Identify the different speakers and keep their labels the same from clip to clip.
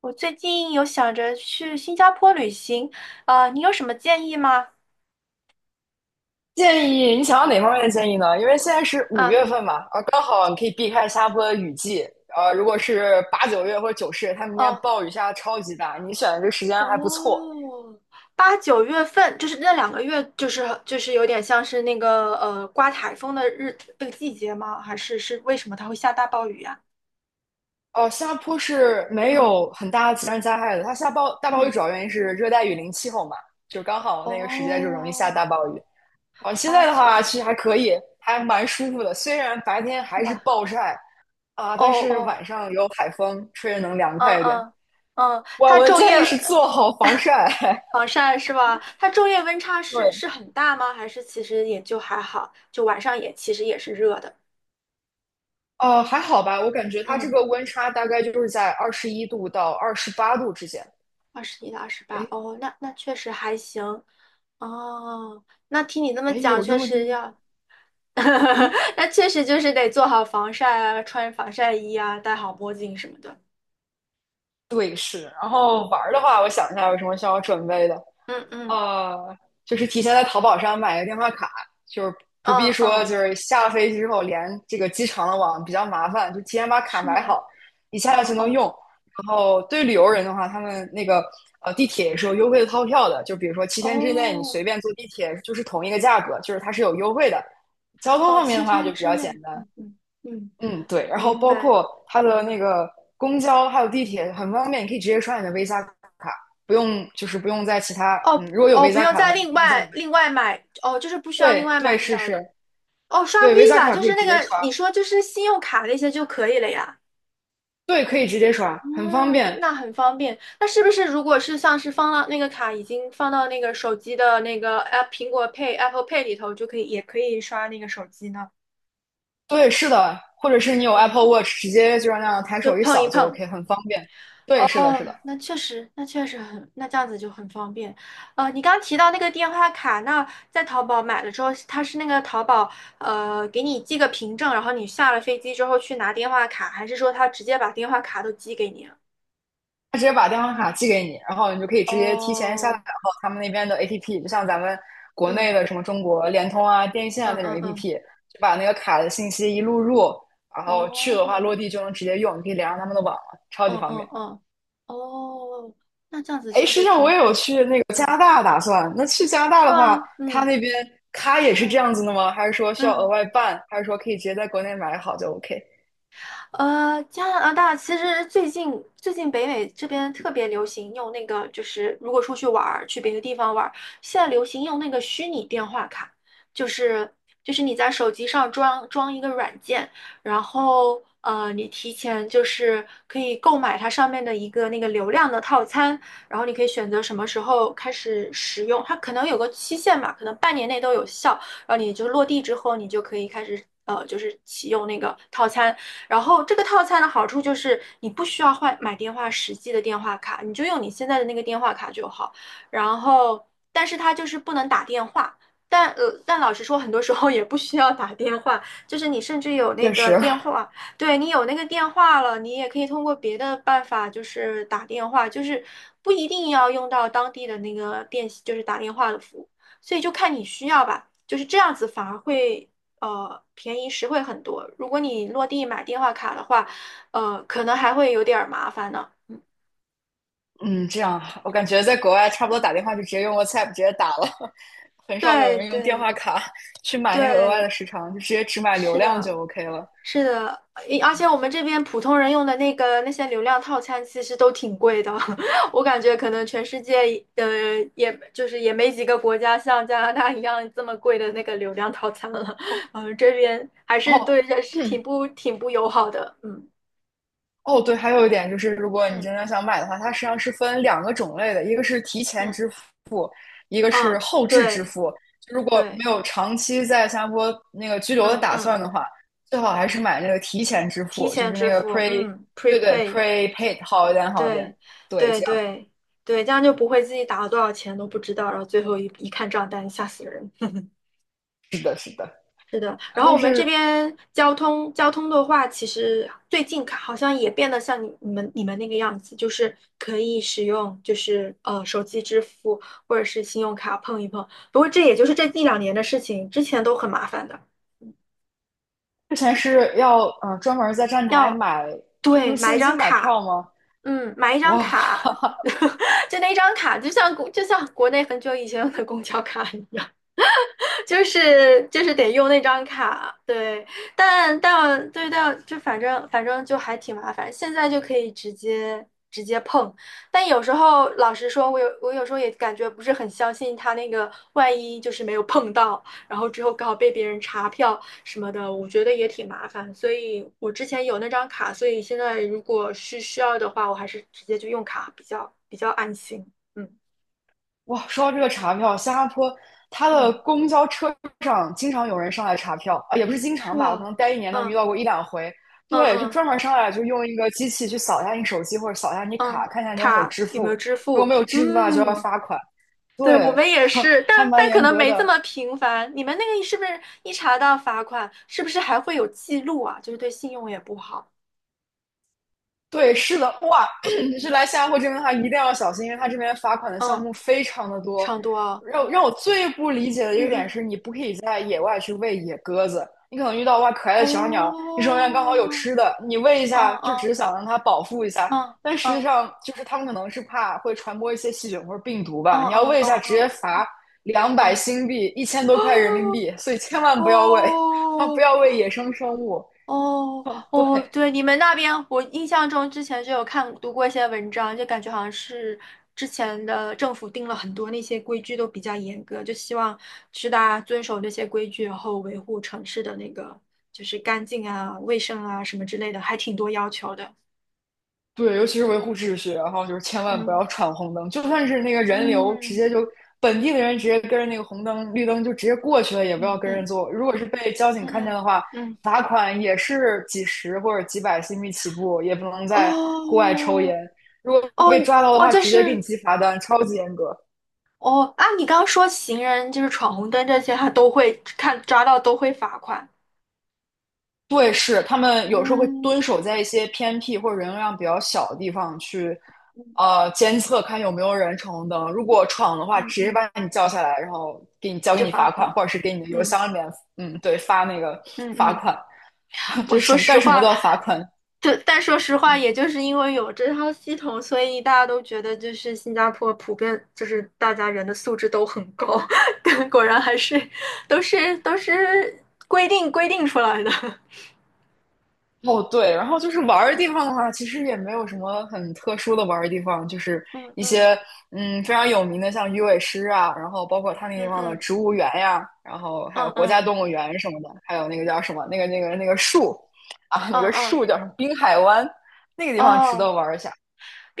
Speaker 1: 我最近有想着去新加坡旅行，啊，你有什么建议吗？
Speaker 2: 建议你想要哪方面的建议呢？因为现在是五
Speaker 1: 啊，
Speaker 2: 月份嘛，啊，刚好你可以避开新加坡的雨季。如果是八九月或者九十月，它明边
Speaker 1: 哦，
Speaker 2: 暴雨下的超级大，你选的这个时间还不错。
Speaker 1: 哦，八九月份就是那两个月，就是有点像是那个刮台风的那个季节吗？还是为什么它会下大暴雨呀？
Speaker 2: 哦，新加坡是没
Speaker 1: 嗯
Speaker 2: 有很大的自然灾害的，它下暴大暴雨
Speaker 1: 嗯，
Speaker 2: 主要原因是热带雨林气候嘛，就刚好那个时间就容易下大
Speaker 1: 哦，
Speaker 2: 暴雨。啊，现
Speaker 1: 八
Speaker 2: 在的
Speaker 1: 九
Speaker 2: 话
Speaker 1: 月
Speaker 2: 其实还可以，还蛮舒服的，虽然白天
Speaker 1: 是
Speaker 2: 还是
Speaker 1: 吧？
Speaker 2: 暴晒啊，
Speaker 1: 哦
Speaker 2: 但是
Speaker 1: 哦，
Speaker 2: 晚上有海风，吹着能凉
Speaker 1: 嗯
Speaker 2: 快一点。
Speaker 1: 嗯嗯，
Speaker 2: 哇，
Speaker 1: 它
Speaker 2: 我的
Speaker 1: 昼夜
Speaker 2: 建议是做好防晒。
Speaker 1: 防晒是吧？它昼夜温差 是
Speaker 2: 对，
Speaker 1: 是很大吗？还是其实也就还好，就晚上也其实也是热的。
Speaker 2: 还好吧，我感觉它这
Speaker 1: 嗯，
Speaker 2: 个温差大概就是在21度到28度之间。
Speaker 1: 二十一到二十八，
Speaker 2: 哎
Speaker 1: 哦，那确实还行。哦，那听你这么
Speaker 2: 哎，
Speaker 1: 讲，
Speaker 2: 有这
Speaker 1: 确
Speaker 2: 么低
Speaker 1: 实
Speaker 2: 吗？
Speaker 1: 要，
Speaker 2: 嗯，
Speaker 1: 那确实就是得做好防晒啊，穿防晒衣啊，戴好墨镜什么的。
Speaker 2: 对，是。然后玩儿的话，我想一下有什么需要准备的。
Speaker 1: 嗯嗯
Speaker 2: 呃，就是提前在淘宝上买个电话卡，就是不必
Speaker 1: 嗯
Speaker 2: 说
Speaker 1: 嗯，
Speaker 2: 就是下了飞机之后连这个机场的网比较麻烦，就提前把卡
Speaker 1: 是
Speaker 2: 买
Speaker 1: 吗？
Speaker 2: 好，一下
Speaker 1: 哦
Speaker 2: 来就能
Speaker 1: 哦
Speaker 2: 用。然后对旅游人的话，他们那个地铁也是有优惠的套票的，就比如说7天之内你
Speaker 1: 哦
Speaker 2: 随便坐地铁就是同一个价格，就是它是有优惠的。交通
Speaker 1: 哦，
Speaker 2: 方面
Speaker 1: 七
Speaker 2: 的话就
Speaker 1: 天
Speaker 2: 比
Speaker 1: 之
Speaker 2: 较简
Speaker 1: 内。
Speaker 2: 单。
Speaker 1: 嗯嗯嗯，
Speaker 2: 嗯，对，然后
Speaker 1: 明
Speaker 2: 包
Speaker 1: 白。
Speaker 2: 括它的那个公交还有地铁很方便，你可以直接刷你的 Visa 卡，不用在其他，
Speaker 1: 哦
Speaker 2: 嗯，如果有
Speaker 1: 哦，不
Speaker 2: Visa
Speaker 1: 用
Speaker 2: 卡的
Speaker 1: 再
Speaker 2: 话就
Speaker 1: 另
Speaker 2: 不用再买
Speaker 1: 外另外
Speaker 2: 卡。
Speaker 1: 买哦，就是不需要另
Speaker 2: 对
Speaker 1: 外
Speaker 2: 对
Speaker 1: 买
Speaker 2: 是
Speaker 1: 票
Speaker 2: 是，
Speaker 1: 哦，刷
Speaker 2: 对 Visa
Speaker 1: Visa
Speaker 2: 卡
Speaker 1: 就
Speaker 2: 可以
Speaker 1: 是
Speaker 2: 直
Speaker 1: 那
Speaker 2: 接
Speaker 1: 个
Speaker 2: 刷，
Speaker 1: 你说就是信用卡那些就可以了呀。
Speaker 2: 对可以直接刷，
Speaker 1: 嗯，
Speaker 2: 很方便。
Speaker 1: 那很方便。那是不是如果是像是放到那个卡已经放到那个手机的那个 App 苹果 Pay Apple Pay 里头，就可以也可以刷那个手机呢？
Speaker 2: 对是的，或者是你有
Speaker 1: 嗯，
Speaker 2: Apple Watch，直接就让那样抬
Speaker 1: 就
Speaker 2: 手一
Speaker 1: 碰一
Speaker 2: 扫就
Speaker 1: 碰。
Speaker 2: OK，很方便。对是的
Speaker 1: 哦，
Speaker 2: 是的，
Speaker 1: 那确实，那确实很，那这样子就很方便。呃，你刚提到那个电话卡，那在淘宝买了之后，它是那个淘宝给你寄个凭证，然后你下了飞机之后去拿电话卡，还是说他直接把电话卡都寄给你啊
Speaker 2: 他直接把电话卡寄给你，然后你就可以直接提前下载
Speaker 1: 哦，
Speaker 2: 然后他们那边的 APP，就像咱们国
Speaker 1: 嗯
Speaker 2: 内的什么中国联通啊、电信啊
Speaker 1: 嗯
Speaker 2: 那种
Speaker 1: 嗯嗯，
Speaker 2: APP，就把那个卡的信息一录入，然后去的话
Speaker 1: 哦，
Speaker 2: 落地就能直接用，你可以连上他们的网了，超级
Speaker 1: 嗯
Speaker 2: 方
Speaker 1: 嗯
Speaker 2: 便。
Speaker 1: 嗯，哦，那这样子
Speaker 2: 哎，
Speaker 1: 确
Speaker 2: 实际
Speaker 1: 实
Speaker 2: 上
Speaker 1: 挺
Speaker 2: 我也
Speaker 1: 好，
Speaker 2: 有去那个加拿大打算，那去加拿大
Speaker 1: 是
Speaker 2: 的话，
Speaker 1: 吗？
Speaker 2: 他
Speaker 1: 嗯
Speaker 2: 那边卡也是这
Speaker 1: 嗯
Speaker 2: 样子的吗？还是说需要额
Speaker 1: 嗯。
Speaker 2: 外办？还是说可以直接在国内买好就 OK？
Speaker 1: 呃，加拿大其实最近最近北美这边特别流行用那个，就是如果出去玩儿，去别的地方玩儿，现在流行用那个虚拟电话卡，就是就是你在手机上装一个软件，然后，你提前就是可以购买它上面的一个那个流量的套餐，然后你可以选择什么时候开始使用，它可能有个期限嘛，可能半年内都有效，然后你就落地之后，你就可以开始。就是启用那个套餐，然后这个套餐的好处就是你不需要换买电话实际的电话卡，你就用你现在的那个电话卡就好。然后，但是它就是不能打电话。但，但老实说，很多时候也不需要打电话，就是你甚至有那
Speaker 2: 确
Speaker 1: 个
Speaker 2: 实，
Speaker 1: 电话，对你有那个电话了，你也可以通过别的办法，就是打电话，就是不一定要用到当地的那个电，就是打电话的服务，所以就看你需要吧，就是这样子反而会便宜实惠很多。如果你落地买电话卡的话，可能还会有点儿麻烦呢。
Speaker 2: 嗯，这样我感觉在国外差不多打电话就直接用 WhatsApp 直接打了，很少有
Speaker 1: 对
Speaker 2: 人用电
Speaker 1: 对
Speaker 2: 话卡去买那个额外
Speaker 1: 对，
Speaker 2: 的时长，就直接只买流
Speaker 1: 是
Speaker 2: 量
Speaker 1: 的，
Speaker 2: 就 OK 了。
Speaker 1: 是的，诶而且我们这边普通人用的那个那些流量套餐其实都挺贵的，我感觉可能全世界呃，也就是也没几个国家像加拿大一样这么贵的那个流量套餐了，
Speaker 2: 哦，
Speaker 1: 这边还是
Speaker 2: 哦
Speaker 1: 对人是挺
Speaker 2: 嗯
Speaker 1: 不挺不友好的，嗯
Speaker 2: 哦，对，还有一点就是，如果你
Speaker 1: 嗯
Speaker 2: 真的想买的话，它实际上是分两个种类的，一个是提前
Speaker 1: 嗯
Speaker 2: 支付，一个是
Speaker 1: 嗯，
Speaker 2: 后置支
Speaker 1: 对
Speaker 2: 付。就如果
Speaker 1: 对，
Speaker 2: 没有长期在新加坡那个居留的
Speaker 1: 嗯
Speaker 2: 打算
Speaker 1: 嗯。
Speaker 2: 的话，最好还是买那个提前支
Speaker 1: 提
Speaker 2: 付，就
Speaker 1: 前
Speaker 2: 是那
Speaker 1: 支
Speaker 2: 个
Speaker 1: 付，
Speaker 2: pre，
Speaker 1: 嗯
Speaker 2: 对对
Speaker 1: ，prepaid，
Speaker 2: ，prepaid 好一点，好一点。
Speaker 1: 对，
Speaker 2: 对，
Speaker 1: 对
Speaker 2: 这样
Speaker 1: 对对，这样就不会自己打了多少钱都不知道，然后最后一看账单，吓死人。
Speaker 2: 是的，是的。
Speaker 1: 是的，然后
Speaker 2: 但
Speaker 1: 我们这
Speaker 2: 是
Speaker 1: 边交通的话，其实最近看好像也变得像你们那个样子，就是可以使用就是手机支付或者是信用卡碰一碰。不过这也就是这一两年的事情，之前都很麻烦的，
Speaker 2: 之前是要嗯专门在站台
Speaker 1: 要
Speaker 2: 买，就
Speaker 1: 对
Speaker 2: 用
Speaker 1: 买一
Speaker 2: 现
Speaker 1: 张
Speaker 2: 金买
Speaker 1: 卡。
Speaker 2: 票吗？
Speaker 1: 嗯，买一张
Speaker 2: 哇
Speaker 1: 卡，
Speaker 2: 哈哈，
Speaker 1: 就那张卡，就像国内很久以前有的公交卡一样。就是得用那张卡，对，但但对但就反正反正就还挺麻烦，现在就可以直接碰，但有时候老实说，我有时候也感觉不是很相信他那个，万一就是没有碰到，然后之后刚好被别人查票什么的，我觉得也挺麻烦，所以我之前有那张卡，所以现在如果是需要的话，我还是直接就用卡比较安心，嗯
Speaker 2: 哇，说到这个查票，新加坡它的
Speaker 1: 嗯，
Speaker 2: 公交车上经常有人上来查票啊，也不是经
Speaker 1: 是
Speaker 2: 常吧，我可
Speaker 1: 吧？
Speaker 2: 能待1年能遇
Speaker 1: 嗯
Speaker 2: 到过一两回。
Speaker 1: 嗯
Speaker 2: 对，就
Speaker 1: 嗯。
Speaker 2: 专门上来就用一个机器去扫一下你手机或者扫一下你卡，
Speaker 1: 嗯，
Speaker 2: 看一下你有没有
Speaker 1: 卡
Speaker 2: 支
Speaker 1: 有没
Speaker 2: 付。
Speaker 1: 有支
Speaker 2: 如果
Speaker 1: 付？
Speaker 2: 没有支付的话，就要
Speaker 1: 嗯，
Speaker 2: 罚款。
Speaker 1: 对，我
Speaker 2: 对，
Speaker 1: 们也是，
Speaker 2: 还
Speaker 1: 但
Speaker 2: 蛮
Speaker 1: 但可
Speaker 2: 严
Speaker 1: 能
Speaker 2: 格
Speaker 1: 没这
Speaker 2: 的。
Speaker 1: 么频繁。你们那个是不是一查到罚款，是不是还会有记录啊？就是对信用也不好。
Speaker 2: 对，是的，哇，
Speaker 1: 嗯，
Speaker 2: 是来新加坡这边的话，一定要小心，因为他这边罚款的项
Speaker 1: 嗯，
Speaker 2: 目非常的多。
Speaker 1: 差不多啊。
Speaker 2: 让
Speaker 1: 哦，
Speaker 2: 我最不理解的一
Speaker 1: 嗯
Speaker 2: 个点
Speaker 1: 嗯，
Speaker 2: 是，你不可以在野外去喂野鸽子，你可能遇到哇可爱的小鸟，
Speaker 1: 哦，
Speaker 2: 你手上刚好有吃的，你喂一
Speaker 1: 哦
Speaker 2: 下，就只是
Speaker 1: 哦
Speaker 2: 想让它饱腹一下，
Speaker 1: 哦
Speaker 2: 但
Speaker 1: 哦
Speaker 2: 实际
Speaker 1: 哦
Speaker 2: 上就是他们可能是怕会传播一些细菌或者病毒
Speaker 1: 哦
Speaker 2: 吧，你要
Speaker 1: 哦
Speaker 2: 喂一下，直接
Speaker 1: 哦
Speaker 2: 罚两百
Speaker 1: 哦
Speaker 2: 新币，一千多块人民
Speaker 1: 哦
Speaker 2: 币，所以千万不要喂，啊，不
Speaker 1: 哦，
Speaker 2: 要喂野生生物。
Speaker 1: 哦
Speaker 2: 啊，对，
Speaker 1: 哦，对，你们那边，我印象中之前就有看读过一些文章，就感觉好像是之前的政府定了很多那些规矩都比较严格，就希望是大家遵守这些规矩，然后维护城市的那个就是干净啊、卫生啊什么之类的，还挺多要求的。
Speaker 2: 对，尤其是维护秩序，然后就是千万不
Speaker 1: 嗯
Speaker 2: 要闯红灯，就算是那个人流，直
Speaker 1: 嗯
Speaker 2: 接就本地的人直接跟着那个红灯、绿灯就直接过去了，也不要
Speaker 1: 嗯
Speaker 2: 跟人
Speaker 1: 嗯
Speaker 2: 做。如果是被交警
Speaker 1: 嗯
Speaker 2: 看见
Speaker 1: 嗯
Speaker 2: 的话，
Speaker 1: 嗯，
Speaker 2: 罚款也是几十或者几百新币起步，也不能在户外抽
Speaker 1: 哦
Speaker 2: 烟。如果被
Speaker 1: 哦
Speaker 2: 抓到的
Speaker 1: 哦，
Speaker 2: 话，直接给你记罚单，超级严格。
Speaker 1: 哦啊，你刚刚说行人就是闯红灯这些，他都会看抓到都会罚款。
Speaker 2: 对，是他们有时候会蹲
Speaker 1: 嗯
Speaker 2: 守在一些偏僻或者人流量比较小的地方去，
Speaker 1: 嗯
Speaker 2: 监测看有没有人闯红灯。如果闯的话，
Speaker 1: 嗯
Speaker 2: 直接
Speaker 1: 嗯，
Speaker 2: 把你叫下来，然后给你交给
Speaker 1: 就
Speaker 2: 你
Speaker 1: 罚
Speaker 2: 罚款，
Speaker 1: 款。
Speaker 2: 或者是给你的邮
Speaker 1: 嗯
Speaker 2: 箱里面，嗯，对，发那个
Speaker 1: 嗯
Speaker 2: 罚
Speaker 1: 嗯，
Speaker 2: 款。
Speaker 1: 我
Speaker 2: 就是
Speaker 1: 说
Speaker 2: 什么
Speaker 1: 实
Speaker 2: 干什么
Speaker 1: 话，
Speaker 2: 都要罚款，
Speaker 1: 就但说实话，也就是因为有这套系统，所以大家都觉得就是新加坡普遍就是大家人的素质都很高，但果然还是都是规定出来的。
Speaker 2: 哦，对，然后就是玩儿的地
Speaker 1: 嗯
Speaker 2: 方的话，其实也没有什么很特殊的玩儿的地方，就是
Speaker 1: 嗯
Speaker 2: 一
Speaker 1: 嗯
Speaker 2: 些嗯非常有名的，像鱼尾狮啊，然后包括它那地
Speaker 1: 嗯
Speaker 2: 方的植
Speaker 1: 嗯
Speaker 2: 物园呀，然后还有国家
Speaker 1: 嗯
Speaker 2: 动物园什么的，还有那个叫什么那个树啊，那
Speaker 1: 嗯
Speaker 2: 个
Speaker 1: 嗯嗯
Speaker 2: 树叫什么滨海湾，那个地方值得
Speaker 1: 哦，
Speaker 2: 玩儿一下。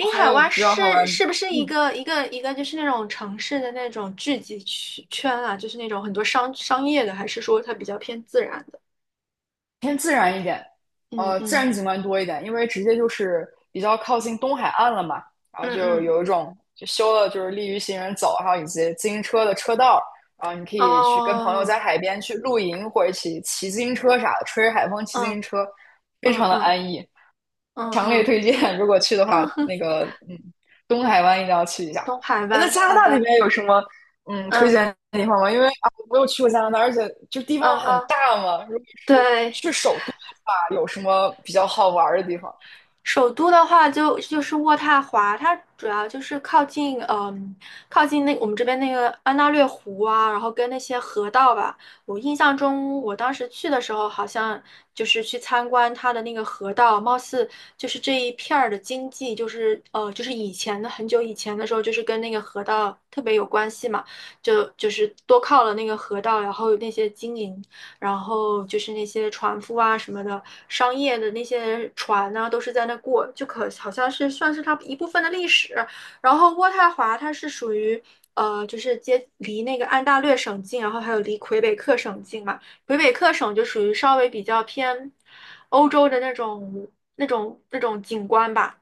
Speaker 2: 哦还
Speaker 1: 海
Speaker 2: 有
Speaker 1: 湾
Speaker 2: 比较好
Speaker 1: 是
Speaker 2: 玩，
Speaker 1: 是不是一
Speaker 2: 嗯，
Speaker 1: 个一个一个就是那种城市的那种聚集区圈啊？就是那种很多商业的，还是说它比较偏自然的？
Speaker 2: 偏自然一点，
Speaker 1: 嗯
Speaker 2: 自
Speaker 1: 嗯
Speaker 2: 然景观多一点，因为直接就是比较靠近东海岸了嘛，然后
Speaker 1: 嗯
Speaker 2: 就
Speaker 1: 嗯，
Speaker 2: 有一种就修了就是利于行人走，还有以及自行车的车道，然后你可以去跟朋友
Speaker 1: 哦，
Speaker 2: 在海边去露营或者一起骑自行车啥的，吹着海风骑自
Speaker 1: 嗯
Speaker 2: 行车，非
Speaker 1: 嗯
Speaker 2: 常的
Speaker 1: 嗯
Speaker 2: 安逸，
Speaker 1: 嗯
Speaker 2: 强烈
Speaker 1: 嗯
Speaker 2: 推荐，如果去的话，那
Speaker 1: 嗯，
Speaker 2: 个嗯，东海湾一定要去一下。
Speaker 1: 东海
Speaker 2: 哎，那
Speaker 1: 湾，
Speaker 2: 加拿
Speaker 1: 好
Speaker 2: 大那
Speaker 1: 的，
Speaker 2: 边有什么嗯，推
Speaker 1: 嗯
Speaker 2: 荐的地方吗？因为啊，我没有去过加拿大，而且就地方
Speaker 1: 嗯
Speaker 2: 很
Speaker 1: 嗯，
Speaker 2: 大嘛。如果是
Speaker 1: 对。
Speaker 2: 去首都的话，有什么比较好玩儿的地方？
Speaker 1: 首都的话就是渥太华，它主要就是靠近，嗯，靠近那我们这边那个安大略湖啊，然后跟那些河道吧。我印象中，我当时去的时候，好像就是去参观它的那个河道，貌似就是这一片儿的经济，就是，就是以前的很久以前的时候，就是跟那个河道特别有关系嘛，就是多靠了那个河道，然后那些经营。然后就是那些船夫啊什么的，商业的那些船呢、啊都是在那过，就可好像是算是它一部分的历史。然后渥太华它是属于。就是接离那个安大略省近，然后还有离魁北克省近嘛。魁北克省就属于稍微比较偏欧洲的那种那种景观吧。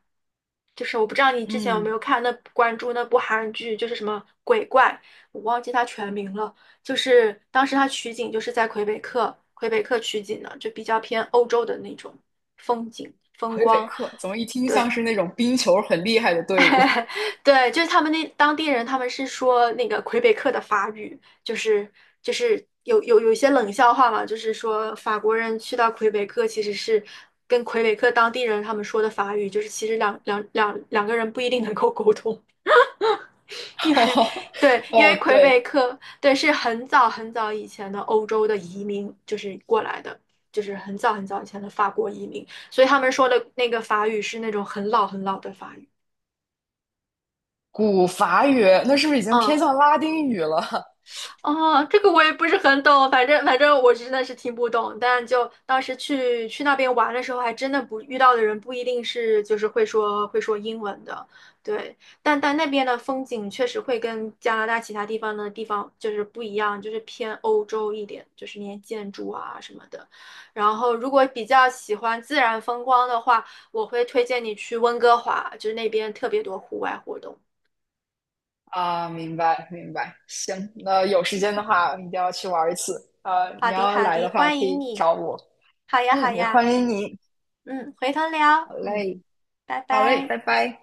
Speaker 1: 就是我不知道你之前有没
Speaker 2: 嗯，
Speaker 1: 有看那关注那部韩剧，就是什么鬼怪，我忘记它全名了。就是当时它取景就是在魁北克，魁北克取景的，就比较偏欧洲的那种风景风
Speaker 2: 魁北
Speaker 1: 光。
Speaker 2: 克怎么一听像
Speaker 1: 对。
Speaker 2: 是那种冰球很厉害的队伍？
Speaker 1: 对，就是他们那当地人，他们是说那个魁北克的法语，就是就是有有一些冷笑话嘛，就是说法国人去到魁北克其实是跟魁北克当地人他们说的法语，就是其实两个人不一定能够沟通，因为 对，因为
Speaker 2: 哦，
Speaker 1: 魁
Speaker 2: 对，
Speaker 1: 北克对是很早很早以前的欧洲的移民就是过来的，就是很早很早以前的法国移民，所以他们说的那个法语是那种很老很老的法语，
Speaker 2: 古法语，那是不是已经偏
Speaker 1: 嗯。
Speaker 2: 向拉丁语了？
Speaker 1: 哦，这个我也不是很懂，反正我真的是听不懂，但就当时去那边玩的时候，还真的不遇到的人不一定是就是会说英文的，对，但那边的风景确实会跟加拿大其他地方就是不一样，就是偏欧洲一点，就是那些建筑啊什么的。然后如果比较喜欢自然风光的话，我会推荐你去温哥华，就是那边特别多户外活动。
Speaker 2: 啊，明白明白。行，那有时间的话一定要去玩一次。啊，
Speaker 1: 好
Speaker 2: 你
Speaker 1: 的
Speaker 2: 要
Speaker 1: 好
Speaker 2: 来的
Speaker 1: 的，
Speaker 2: 话
Speaker 1: 欢
Speaker 2: 可
Speaker 1: 迎
Speaker 2: 以
Speaker 1: 你。
Speaker 2: 找我。
Speaker 1: 好呀好
Speaker 2: 嗯，也
Speaker 1: 呀，
Speaker 2: 欢迎
Speaker 1: 嗯。
Speaker 2: 你。
Speaker 1: 嗯，回头聊，
Speaker 2: 好
Speaker 1: 嗯，
Speaker 2: 嘞，
Speaker 1: 拜
Speaker 2: 好嘞，
Speaker 1: 拜。
Speaker 2: 拜拜。